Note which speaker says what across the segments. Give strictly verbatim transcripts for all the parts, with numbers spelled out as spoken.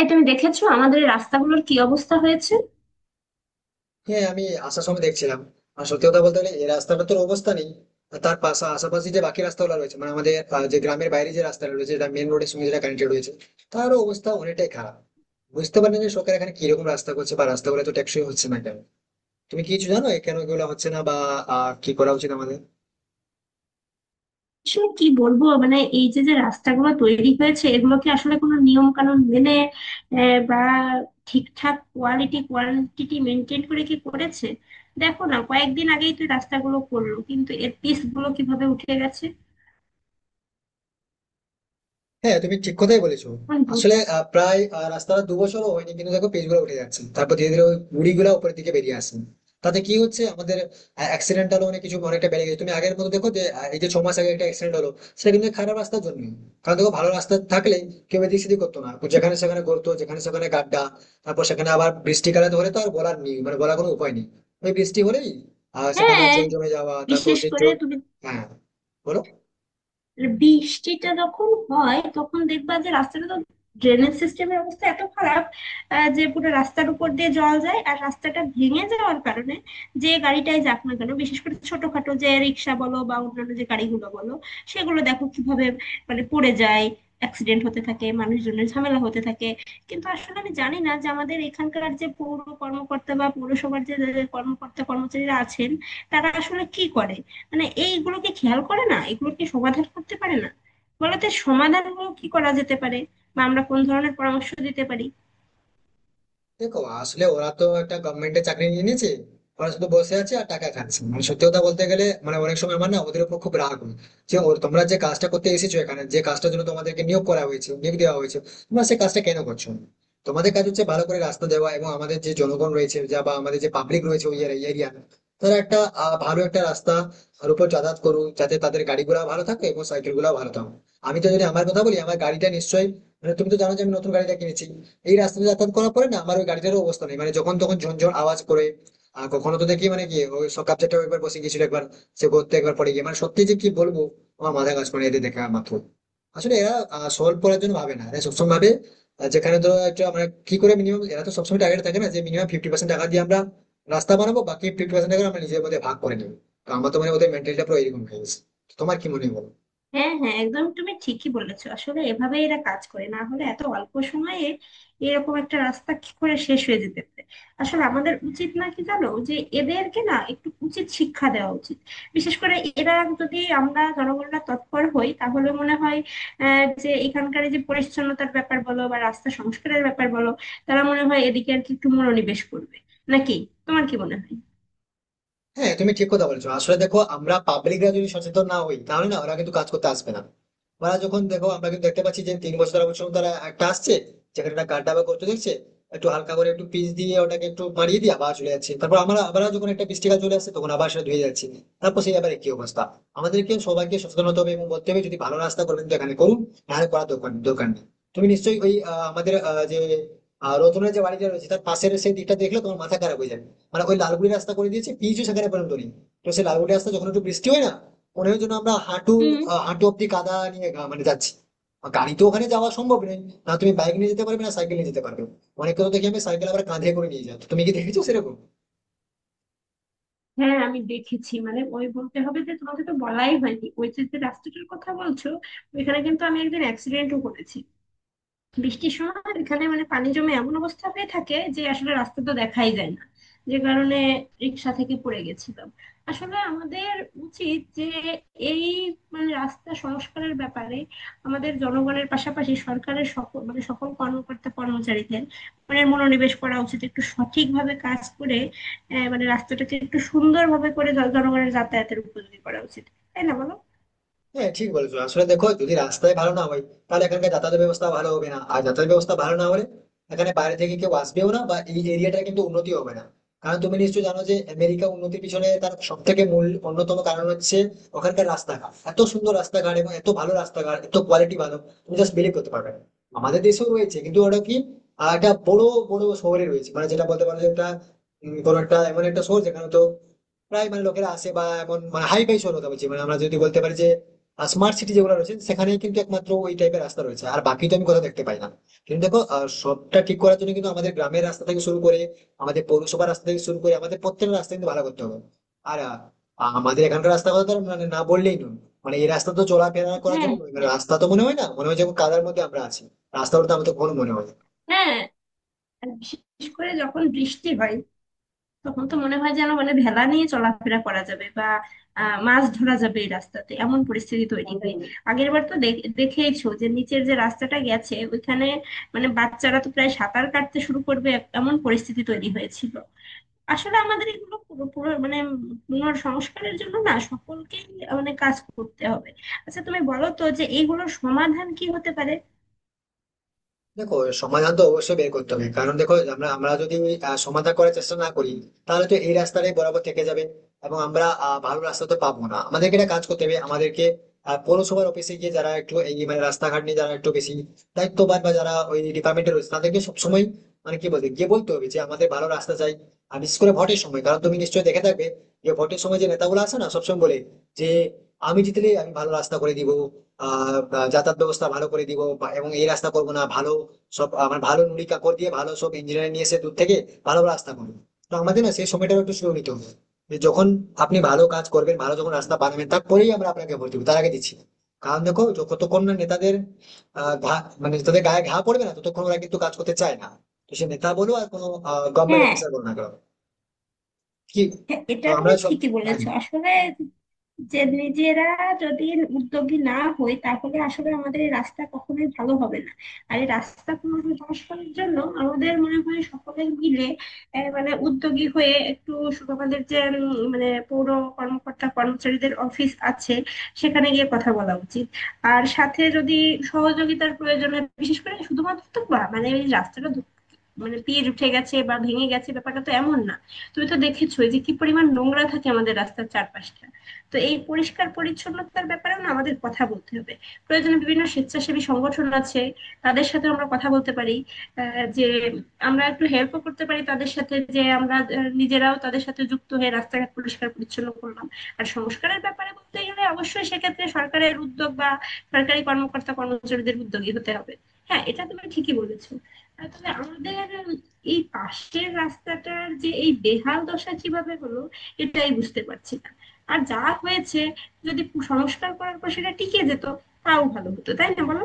Speaker 1: এই, তুমি দেখেছো আমাদের এই রাস্তাগুলোর কি অবস্থা হয়েছে?
Speaker 2: হ্যাঁ, আমি আসার সময় দেখছিলাম। আর সত্যি কথা বলতে গেলে, এই রাস্তাটা তোর অবস্থা নেই। আর তার পাশা আশেপাশে যে বাকি রাস্তাগুলো রয়েছে মানে আমাদের আহ, যে গ্রামের বাইরে যে রাস্তা রয়েছে, যেটা মেন রোডের সঙ্গে যেটা কানেক্টেড রয়েছে, তারও অবস্থা অনেকটাই খারাপ। বুঝতে পারি না যে সরকার এখানে কিরকম রাস্তা করছে বা রাস্তাগুলো তো টেকসই হচ্ছে না কেন। তুমি কি কিছু জানো এ কেন এগুলো হচ্ছে না, বা আহ, কি করা উচিত আমাদের?
Speaker 1: আসলে কি বলবো, মানে এই যে যে রাস্তাগুলো তৈরি হয়েছে, এগুলো কি আসলে কোনো নিয়ম কানুন মেনে আহ, বা ঠিকঠাক কোয়ালিটি কোয়ান্টিটি মেনটেন করে কি করেছে? দেখো না, কয়েকদিন আগেই তো এই রাস্তাগুলো করলো, কিন্তু এর পিচ গুলো কিভাবে উঠে গেছে।
Speaker 2: হ্যাঁ, তুমি ঠিক কথাই বলেছো।
Speaker 1: এখন বুঝ-
Speaker 2: আসলে আহ, প্রায় আহ, রাস্তাটা দু বছরও হয়নি, কিন্তু দেখো পেজ গুলো উঠে যাচ্ছে। তারপর ধীরে ধীরে ওই গুড়ি গুলা উপরের দিকে বেরিয়ে আসছে। তাতে কি হচ্ছে আমাদের? অ্যাক্সিডেন্টাল অনেক কিছু অনেকটা বেড়ে গেছে। তুমি আগের মতো দেখো যে আহ, এই যে ছ মাস আগে একটা অ্যাক্সিডেন্ট হলো, সেটা কিন্তু খারাপ রাস্তার জন্য। কারণ দেখো, ভালো রাস্তা থাকলে কেউ এদিক সেদিক করতো না, যেখানে সেখানে করতো, যেখানে সেখানে গাড্ডা। তারপর সেখানে আবার বৃষ্টিকালে তো হলে তো আর বলার নেই, মানে বলার কোনো উপায় নেই। ওই বৃষ্টি হলেই আহ সেখানে
Speaker 1: হ্যাঁ।
Speaker 2: জল জমে যাওয়া, তারপর
Speaker 1: বিশেষ
Speaker 2: সেই
Speaker 1: করে
Speaker 2: জল।
Speaker 1: তুমি।
Speaker 2: হ্যাঁ, বলো।
Speaker 1: আর বৃষ্টিটা যখন হয়, তখন দেখবা যে রাস্তাটা তো ড্রেনেজ সিস্টেমের অবস্থা এত খারাপ, আহ, যে পুরো রাস্তার উপর দিয়ে জল যায়। আর রাস্তাটা ভেঙে যাওয়ার কারণে যে গাড়িটাই যাক না কেন, বিশেষ করে ছোটখাটো যে রিক্সা বলো বা অন্যান্য যে গাড়িগুলো বলো, সেগুলো দেখো কিভাবে, মানে পড়ে যায়, অ্যাক্সিডেন্ট হতে থাকে, মানুষজনের ঝামেলা হতে থাকে। কিন্তু আসলে আমি জানি না যে আমাদের এখানকার যে পৌর কর্মকর্তা বা পৌরসভার যে যে কর্মকর্তা কর্মচারীরা আছেন, তারা আসলে কি করে। মানে এইগুলোকে খেয়াল করে না, এগুলোকে সমাধান করতে পারে না, বলতে সমাধানগুলো কি করা যেতে পারে বা আমরা কোন ধরনের পরামর্শ দিতে পারি?
Speaker 2: দেখো, আসলে ওরা তো একটা গভর্নমেন্টের চাকরি নিয়ে নিয়েছে। ওরা শুধু বসে আছে আর টাকা খাচ্ছে, মানে সত্যি কথা বলতে গেলে, মানে অনেক সময় আমার না ওদের উপর খুব রাগ হয়। যে ওর- তোমরা যে কাজটা করতে এসেছো এখানে, যে কাজটার জন্য তোমাদেরকে নিয়োগ করা হয়েছে, নিয়োগ দেওয়া হয়েছে, তোমরা সেই কাজটা কেন করছো না? তোমাদের কাজ হচ্ছে ভালো করে রাস্তা দেওয়া, এবং আমাদের যে জনগণ রয়েছে যা বা আমাদের যে পাবলিক রয়েছে ওই এরিয়া, তারা একটা আহ, ভালো একটা রাস্তা আর উপর যাতায়াত করুক, যাতে তাদের গাড়িগুলো ভালো থাকে এবং সাইকেল গুলো ভালো থাকে। আমি তো যদি আমার কথা বলি, আমার গাড়িটা নিশ্চয়ই, মানে তুমি তো জানো যে আমি নতুন গাড়িটা কিনেছি। এই রাস্তা দিয়ে যাতায়াত করার পরে না আমার ওই গাড়িটারও অবস্থা নেই, মানে যখন তখন ঝনঝন আওয়াজ করে। আর কখনো তো দেখি মানে কি, ওই সকাল চারটা একবার বসে গেছিল, একবার সে করতে একবার পড়ে গিয়ে, মানে সত্যি যে কি বলবো। আমার মাথা কাজ করে না এদের দেখা মাত্র। আসলে এরা সলভ করার জন্য ভাবে না, এরা সবসময় ভাবে আহ, যেখানে ধরো একটা মানে কি করে মিনিমাম, এরা তো সবসময় টার্গেট থাকে না যে মিনিমাম ফিফটি পার্সেন্ট টাকা দিয়ে আমরা রাস্তা বানাবো, বাকি ফিফটি পার্সেন্ট টাকা আমরা নিজের মধ্যে ভাগ করে নেবো। তো আমার তো মানে ওদের মেন্টালিটা পুরো এরকম হয়ে গেছে। তো তোমার কি মনে হয় বলো?
Speaker 1: হ্যাঁ, হ্যাঁ, একদম তুমি ঠিকই বলেছো। আসলে এভাবে এরা কাজ করে, না হলে এত অল্প সময়ে এরকম একটা রাস্তা কি করে শেষ হয়ে যেতে পারে? আসলে আমাদের উচিত না, কি জানো, যে এদেরকে না একটু উচিত শিক্ষা দেওয়া উচিত। বিশেষ করে এরা, যদি আমরা জনগণরা তৎপর হই তাহলে মনে হয় আহ যে এখানকার এই যে পরিচ্ছন্নতার ব্যাপার বলো বা রাস্তা সংস্কারের ব্যাপার বলো, তারা মনে হয় এদিকে আর কি একটু মনোনিবেশ করবে, নাকি? তোমার কি মনে হয়?
Speaker 2: হ্যাঁ, তুমি ঠিক কথা বলছো। আসলে দেখো, আমরা পাবলিকরা যদি সচেতন না হই, তাহলে না ওরা কিন্তু কাজ করতে আসবে না। ওরা যখন দেখো, আমরা কিন্তু দেখতে পাচ্ছি যে তিন বছর চার বছর তারা একটা আসছে, যেখানে একটা গাড্ডা বা গর্ত দেখছে, একটু হালকা করে একটু পিচ দিয়ে ওটাকে একটু মারিয়ে দিয়ে আবার চলে যাচ্ছে। তারপর আমরা আবার যখন একটা বৃষ্টিকাল চলে আসছে, তখন আবার সেটা ধুয়ে যাচ্ছে। তারপর সেই ব্যাপারে কি অবস্থা। আমাদেরকে সবাইকে সচেতন হতে হবে এবং বলতে হবে, যদি ভালো রাস্তা করবেন তো এখানে করুন, নাহলে করার দরকার দরকার নেই। তুমি নিশ্চয়ই ওই আহ, আমাদের আহ, যে আহ, রতনের যে বাড়িটা রয়েছে তার পাশের সেই দিকটা দেখলে, তোমার মাথা খারাপ হয়ে যাবে। মানে ওই লালগুড়ি রাস্তা করে দিয়েছে, পিচও সেখানে পর্যন্ত নেই। তো সেই লালগুড়ি রাস্তা যখন একটু বৃষ্টি হয় না, মনে হয় যেন আমরা হাঁটু
Speaker 1: হুম।
Speaker 2: আহ, হাঁটু অব্দি কাদা নিয়ে গা- মানে যাচ্ছি। আর গাড়ি তো ওখানে যাওয়া সম্ভব নেই। না, তুমি বাইক নিয়ে যেতে পারবে, না সাইকেল নিয়ে যেতে পারবে। অনেকে তো দেখি আমি সাইকেল আবার কাঁধে করে নিয়ে যাই, তো তুমি কি দেখেছো সেরকম?
Speaker 1: হ্যাঁ, আমি দেখেছি। মানে ওই, বলতে হবে যে তোমাকে তো বলাই হয়নি। ওই যে যে রাস্তাটার কথা বলছো, ওইখানে কিন্তু আমি একদিন অ্যাক্সিডেন্টও করেছি। বৃষ্টির সময় এখানে মানে পানি জমে এমন অবস্থা হয়ে থাকে যে আসলে রাস্তা তো দেখাই যায় না, যে কারণে রিক্সা থেকে পড়ে গেছিলাম। আসলে আমাদের উচিত যে এই মানে রাস্তা সংস্কারের ব্যাপারে আমাদের জনগণের পাশাপাশি সরকারের সকল মানে সকল কর্মকর্তা কর্মচারীদের মানে মনোনিবেশ করা উচিত একটু সঠিকভাবে কাজ করে। আহ, মানে রাস্তাটাকে একটু সুন্দরভাবে করে জন- জনগণের যাতায়াতের উপযোগী করা উচিত, তাই না, বলো?
Speaker 2: হ্যাঁ, ঠিক বলেছো। আসলে দেখো, যদি রাস্তায় ভালো না হয়, তাহলে এখানকার যাতায়াত ব্যবস্থা ভালো হবে না, আর যাতায়াত ব্যবস্থা ভালো না হলে এখানে বাইরে থেকে কেউ আসবেও না, বা এই এরিয়াটা কিন্তু উন্নতি হবে না। কারণ তুমি নিশ্চয়ই জানো যে আমেরিকা উন্নতির পিছনে তার সব থেকে মূল অন্যতম কারণ হচ্ছে ওখানকার রাস্তাঘাট। এত সুন্দর রাস্তাঘাট, এবং এত ভালো রাস্তাঘাট, এত কোয়ালিটি ভালো। তুমি জাস্ট বিলিভ করতে পারবে না। আমাদের দেশেও রয়েছে, কিন্তু ওটা কি আহ, একটা বড় বড় শহরে রয়েছে। মানে যেটা বলতে পারো যে একটা উম, কোনো একটা এমন একটা শহর যেখানে তো প্রায়, মানে লোকেরা আসে, বা এমন মানে হাই ফাই শহর কথা বলছি, মানে আমরা যদি বলতে পারি যে স্মার্ট সিটি যেগুলো রয়েছে সেখানেই কিন্তু একমাত্র ওই টাইপের রাস্তা রয়েছে, আর বাকি তো আমি কোথাও দেখতে পাই না। কিন্তু দেখো, আহ, সবটা ঠিক করার জন্য কিন্তু আমাদের গ্রামের রাস্তা থেকে শুরু করে, আমাদের পৌরসভার রাস্তা থেকে শুরু করে, আমাদের প্রত্যেকটা রাস্তা কিন্তু ভালো করতে হবে। আর আহ, আমাদের এখানকার রাস্তা কথা তো আর মানে না বললেই নয়। মানে এই রাস্তা তো চলাফেরা করার
Speaker 1: হ্যাঁ,
Speaker 2: জন্য নয়। মানে
Speaker 1: হ্যাঁ,
Speaker 2: রাস্তা তো মনে হয় না, মনে হয় যেমন কাদার মধ্যে আমরা আছি। রাস্তা বলতে আমার তো আমাদের কখনো মনে হয় না।
Speaker 1: হ্যাঁ। আর বিশেষ করে যখন বৃষ্টি হয়, তখন তো মনে হয় যেন, মানে, ভেলা নিয়ে চলাফেরা করা যাবে বা আহ, মাছ ধরা যাবে। এই রাস্তাতে এমন পরিস্থিতি তৈরি হয়। আগের বার তো দেখ- দেখেইছো যে নিচের যে রাস্তাটা গেছে ওইখানে, মানে বাচ্চারা তো প্রায় সাঁতার কাটতে শুরু করবে, এক- এমন পরিস্থিতি তৈরি হয়েছিল। আসলে আমাদের এগুলো পুরো পুরো মানে পুনর সংস্কারের জন্য না সকলকেই মানে কাজ করতে হবে। আচ্ছা, তুমি বলো তো যে এইগুলোর সমাধান কি হতে পারে?
Speaker 2: দেখো, সমাধান তো অবশ্যই বের করতে হবে, কারণ দেখো আমরা আমরা যদি ওই, আহ, সমাধান করার চেষ্টা না করি, তাহলে তো এই রাস্তাটাই বরাবর থেকে যাবে, এবং আমরা আহ, ভালো রাস্তা তো পাবো না। আমাদেরকে একটা কাজ করতে হবে, আমাদেরকে আহ, পৌরসভার অফিসে গিয়ে যারা একটু এই মানে রাস্তাঘাট নিয়ে যারা একটু বেশি দায়িত্ববান, বা যারা ওই ডিপার্টমেন্টে রয়েছে তাদেরকে সবসময় মানে কি বলতে গিয়ে বলতে হবে যে আমাদের ভালো রাস্তা চাই। আর বিশেষ করে ভোটের সময়, কারণ তুমি নিশ্চয়ই দেখে থাকবে যে ভোটের সময় যে নেতাগুলো আছে না সবসময় বলে যে আমি জিতলে আমি ভালো রাস্তা করে দিব, আহ আহ, যাতায়াত ব্যবস্থা ভালো করে দিব, বা- এবং এই রাস্তা করবো না ভালো, সব আমার ভালো নুড়ি কাকড় দিয়ে, ভালো সব ইঞ্জিনিয়ার নিয়ে এসে দূর থেকে ভালো রাস্তা করবে। তো আমাদের না সেই সময়টাও একটু স্লো নিতে হবে, যে যখন আপনি ভালো কাজ করবেন, ভালো যখন রাস্তা বানাবেন, তারপরেই আমরা আপনাকে ভোট দেবো, তার আগে দিচ্ছি না। কারণ দেখো, যতক্ষণ না নেতাদের আহ ঘা- মানে তাদের গায়ে ঘা পড়বে না, ততক্ষণ ওরা কিন্তু কাজ করতে চায় না। তো সে নেতা বলো আর কোনো গভর্নমেন্ট
Speaker 1: হ্যাঁ,
Speaker 2: অফিসার বলো না কেন। কি?
Speaker 1: হ্যাঁ,
Speaker 2: তো
Speaker 1: এটা
Speaker 2: আমরা
Speaker 1: তুমি
Speaker 2: সব।
Speaker 1: ঠিকই
Speaker 2: হ্যাঁ,
Speaker 1: বলেছো। আসলে, যে নিজেরা যদি উদ্যোগী না হই, তাহলে আসলে আমাদের এই রাস্তা কখনোই ভালো হবে না। আর এই রাস্তা সংস্কারের জন্য আমাদের মনে হয় সকলে মিলে আহ, মানে উদ্যোগী হয়ে একটু শু- আমাদের যে উম, মানে পৌর কর্মকর্তা কর্মচারীদের অফিস আছে, সেখানে গিয়ে কথা বলা উচিত। আর সাথে যদি সহযোগিতার প্রয়োজন হয়, বিশেষ করে শুধুমাত্র তো বা- মানে এই রাস্তাটা ধু- মানে পিচ উঠে গেছে বা ভেঙে গেছে ব্যাপারটা তো এমন না। তুমি তো দেখেছো যে কি পরিমাণ নোংরা থাকে আমাদের রাস্তার চারপাশটা। তো এই পরিষ্কার পরিচ্ছন্নতার ব্যাপারেও না আমাদের কথা বলতে হবে। প্রয়োজনে বিভিন্ন স্বেচ্ছাসেবী সংগঠন আছে, তাদের সাথে আমরা কথা বলতে পারি আহ, যে আমরা একটু হেল্পও করতে পারি তাদের সাথে, যে আমরা আহ, নিজেরাও তাদের সাথে যুক্ত হয়ে রাস্তাঘাট পরিষ্কার পরিচ্ছন্ন করলাম। আর সংস্কারের ব্যাপারে বলতে গেলে অবশ্যই সেক্ষেত্রে সরকারের উদ্যোগ বা সরকারি কর্মকর্তা কর্মচারীদের উদ্যোগী হতে হবে। হ্যাঁ, এটা তুমি ঠিকই বলেছো। আহ, তবে আমাদের উম, এই পাশের রাস্তাটার যে এই বেহাল দশা কিভাবে হলো এটাই বুঝতে পারছি না। আর যা হয়েছে, যদি পু- সংস্কার করার পর সেটা টিকে যেত তাও ভালো হতো, তাই না, বলো?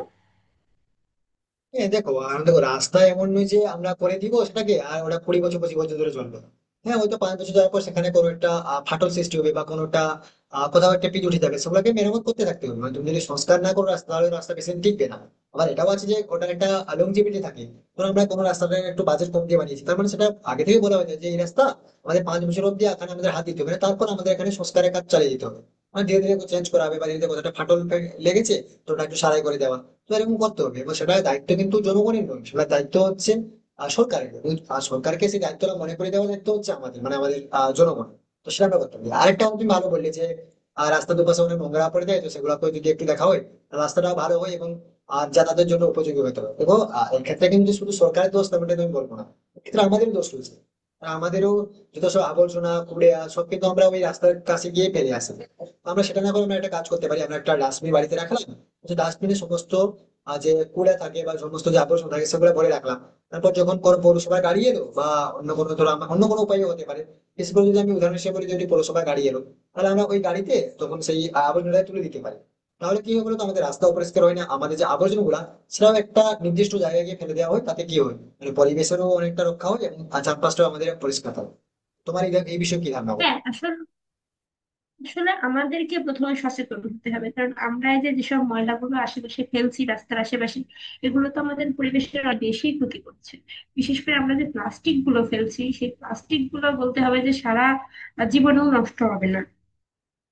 Speaker 2: হ্যাঁ। দেখো, আর দেখো, রাস্তা এমন নয় যে আমরা করে দিব সেটাকে আর ওটা কুড়ি বছর পঁচিশ বছর ধরে চলবে। হ্যাঁ, হয়তো পাঁচ বছর যাওয়ার পর সেখানে কোনো একটা আহ, ফাটল সৃষ্টি হবে, বা কোনোটা আহ, কোথাও একটা পিচ উঠে যাবে, সেগুলোকে মেরামত করতে থাকতে হবে। মানে তুমি যদি সংস্কার না করো রাস্তা, তাহলে রাস্তা বেশি দিন টিকবে না। আবার এটাও আছে যে ওটার একটা লংজিভিটি থাকে। ধরো আমরা কোনো রাস্তাটা একটু বাজেট কম দিয়ে বানিয়েছি, তার মানে সেটা আগে থেকে বলা হয়েছে যে এই রাস্তা আমাদের পাঁচ বছর অব্দি এখানে আমাদের হাত দিতে হবে না, তারপর আমাদের এখানে সংস্কারের কাজ চালিয়ে যেতে হবে। মানে ধীরে ধীরে চেঞ্জ করা হবে, বা ধীরে ধীরে কোথাটা ফাটল ফে- লেগেছে, তো ওটা একটু সারাই করে দেওয়া। তো এরকম করতে হবে, এবং সেটার দায়িত্ব কিন্তু জনগণের নয়, সেটার দায়িত্ব হচ্ছে আহ, সরকারের। কিন্তু, আহ, সরকারকে সেই দায়িত্বটা মনে করে দেওয়ার দায়িত্ব হচ্ছে আমাদের, মানে আমাদের আহ, জনগণের। তো সেটা আমরা করতে হবে। আরেকটা তুমি ভালো বললে যে আহ, রাস্তার দুপাশে অনেক নোংরা পড়ে যায়, তো সেগুলোকে যদি একটু দেখা হয়, তাহলে রাস্তাটাও ভালো হয়, এবং আর যাতায়াতের জন্য উপযোগী হতে হবে। এবং আহ, এক্ষেত্রে কিন্তু শুধু সরকারের দোষ তেমনটা আমি বলবো না, এক্ষেত্রে আমাদেরও দোষ রয়েছে। কারণ আমাদেরও যত সব আবর্জনা কুড়িয়া সব কিন্তু আমরা ওই রাস্তার কাছে গিয়ে ফেলে আসি তো। আমরা সেটা না করে আমরা একটা কাজ করতে পারি, আমরা একটা ডাস্টবিন বাড়িতে রাখলাম। তো ডাস্টবিনে সমস্ত আহ, যে কুড়ে থাকে বা সমস্ত যে আবর্জনা থাকে সেগুলো ভরে রাখলাম। তারপর যখন কোনো পৌরসভায় গাড়ি এলো, বা অন্য কোনো ধরো আমার- অন্য কোনো উপায় হতে পারে। বিশেষ করে যদি আমি উদাহরণ হিসেবে বলি, যদি পৌরসভায় গাড়ি এলো, তাহলে আমরা ওই গাড়িতে তখন সেই আবর্জনাটা তুলে দিতে পারি। তাহলে কি হবে বলতো? আমাদের রাস্তা অপরিষ্কার হয় না, আমাদের যে আবর্জনা গুলা সেটাও একটা নির্দিষ্ট জায়গায় গিয়ে ফেলে দেওয়া হয়, তাতে কি হয় মানে পরিবেশেরও অনেকটা রক্ষা হয়, এবং চারপাশটাও আমাদের পরিষ্কার থাকে। তোমার এই এই বিষয়ে কি ধারণা বলো?
Speaker 1: হ্যাঁ, আসলে আসলে আমাদেরকে প্রথমে সচেতন হতে হবে, কারণ আমরা এই যে যেসব ময়লাগুলো আশেপাশে ফেলছি রাস্তার আশেপাশে, এগুলো তো আমাদের পরিবেশের অনেক বেশি ক্ষতি করছে। বিশেষ করে আমরা যে প্লাস্টিক গুলো ফেলছি, সেই প্লাস্টিক গুলো বলতে হবে যে সারা জীবনেও নষ্ট হবে না।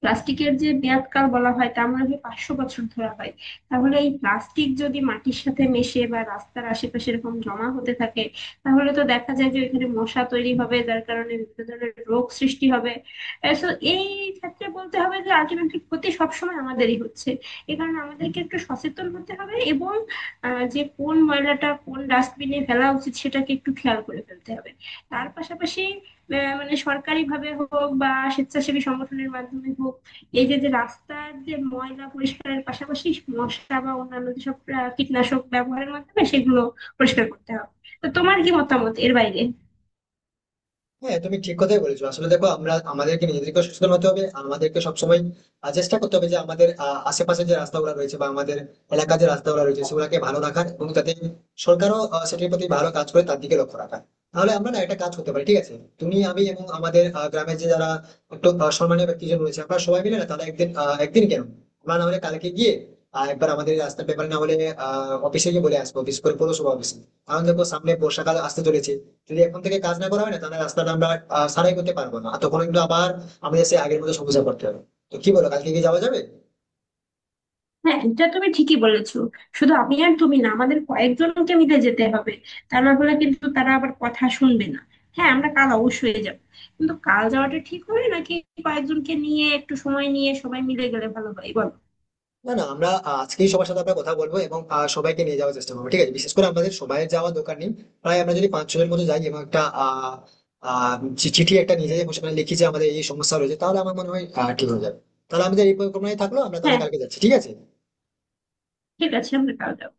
Speaker 1: প্লাস্টিকের যে মেয়াদকাল বলা হয় তা মনে হয় পাঁচশো বছর ধরা হয়। তাহলে এই প্লাস্টিক যদি মাটির সাথে মেশে বা রাস্তার আশেপাশে এরকম জমা হতে থাকে, তাহলে তো দেখা যায় যে ওইখানে মশা তৈরি হবে, যার কারণে বিভিন্ন ধরনের রোগ সৃষ্টি হবে। তো এই ক্ষেত্রে বলতে হবে যে আলটিমেটলি ক্ষতি সবসময় আমাদেরই হচ্ছে। এ কারণে আমাদেরকে একটু সচেতন হতে হবে এবং আহ, যে কোন ময়লাটা কোন ডাস্টবিনে ফেলা উচিত সেটাকে একটু খেয়াল করে ফেলতে হবে। তার পাশাপাশি, আহ, মানে সরকারি ভাবে হোক বা স্বেচ্ছাসেবী সংগঠনের মাধ্যমে হোক, এই যে যে রাস্তার যে ময়লা পরিষ্কারের পাশাপাশি মশা বা অন্যান্য যেসব আহ, কীটনাশক ব্যবহারের মাধ্যমে সেগুলো পরিষ্কার করতে হবে। তো তোমার কি মতামত এর বাইরে?
Speaker 2: হ্যাঁ, তুমি ঠিক কথাই বলেছো। আসলে দেখো, আমরা আমাদেরকে নিজেদেরকে সচেতন হতে হবে, আমাদেরকে সবসময় আহ, চেষ্টা করতে হবে যে আমাদের আহ, আশেপাশে যে রাস্তাগুলো রয়েছে বা আমাদের এলাকার যে রাস্তাগুলো রয়েছে সেগুলোকে ভালো রাখার, এবং তাতে সরকারও আহ, সেটির প্রতি ভালো কাজ করে তার দিকে লক্ষ্য রাখা। তাহলে আমরা না একটা কাজ করতে পারি, ঠিক আছে। তুমি আমি এবং আমাদের আহ, গ্রামের যে যারা একটু আহ, সম্মানীয় ব্যক্তিজন রয়েছে, আমরা সবাই মিলে না তারা একদিন, আহ, একদিন কেন, আমরা না হলে কালকে গিয়ে আহ, একবার আমাদের এই রাস্তার ব্যাপারে, না হলে আহ অফিসে গিয়ে বলে আসবো, বিশেষ করে পৌরসভা অফিসে। কারণ দেখো, সামনে বর্ষাকাল আসতে চলেছে। যদি এখন থেকে কাজ না করা হয় না, তাহলে রাস্তাটা আমরা আহ, সারাই করতে পারবো না, আর তখন কিন্তু আবার আমাদের সেই আগের মতো সমস্যা করতে হবে। তো কি বলো, কালকে কি যাওয়া যাবে?
Speaker 1: হ্যাঁ, এটা তুমি ঠিকই বলেছো। শুধু আমি আর তুমি না, আমাদের কয়েকজনকে মিলে যেতে হবে। তা না হলে কিন্তু তারা আবার কথা শুনবে না। হ্যাঁ, আমরা কাল অবশ্যই যাব। কিন্তু কাল যাওয়াটা ঠিক হবে, নাকি কয়েকজনকে নিয়ে একটু সময় নিয়ে সবাই মিলে গেলে ভালো হয়, বলো?
Speaker 2: না, না, আমরা আহ, আজকেই সবার সাথে আমরা কথা বলবো, এবং আহ, সবাইকে নিয়ে যাওয়ার চেষ্টা করবো, ঠিক আছে। বিশেষ করে আমাদের সবাই যাওয়ার দরকার নেই। প্রায় আমরা যদি পাঁচ ছজনের মতো যাই, এবং একটা আহ আহ চি- চিঠি একটা নিয়ে যাই, এবং সেখানে লিখি যে আমাদের এই সমস্যা রয়েছে, তাহলে আমার মনে হয় আহ, ঠিক হয়ে যাবে। তাহলে আমাদের এই পরিকল্পনাই থাকলো, আমরা তাহলে
Speaker 1: হ্যাঁ,
Speaker 2: কালকে যাচ্ছি, ঠিক আছে।
Speaker 1: ঠিক আছে, আমরা কাল যাব।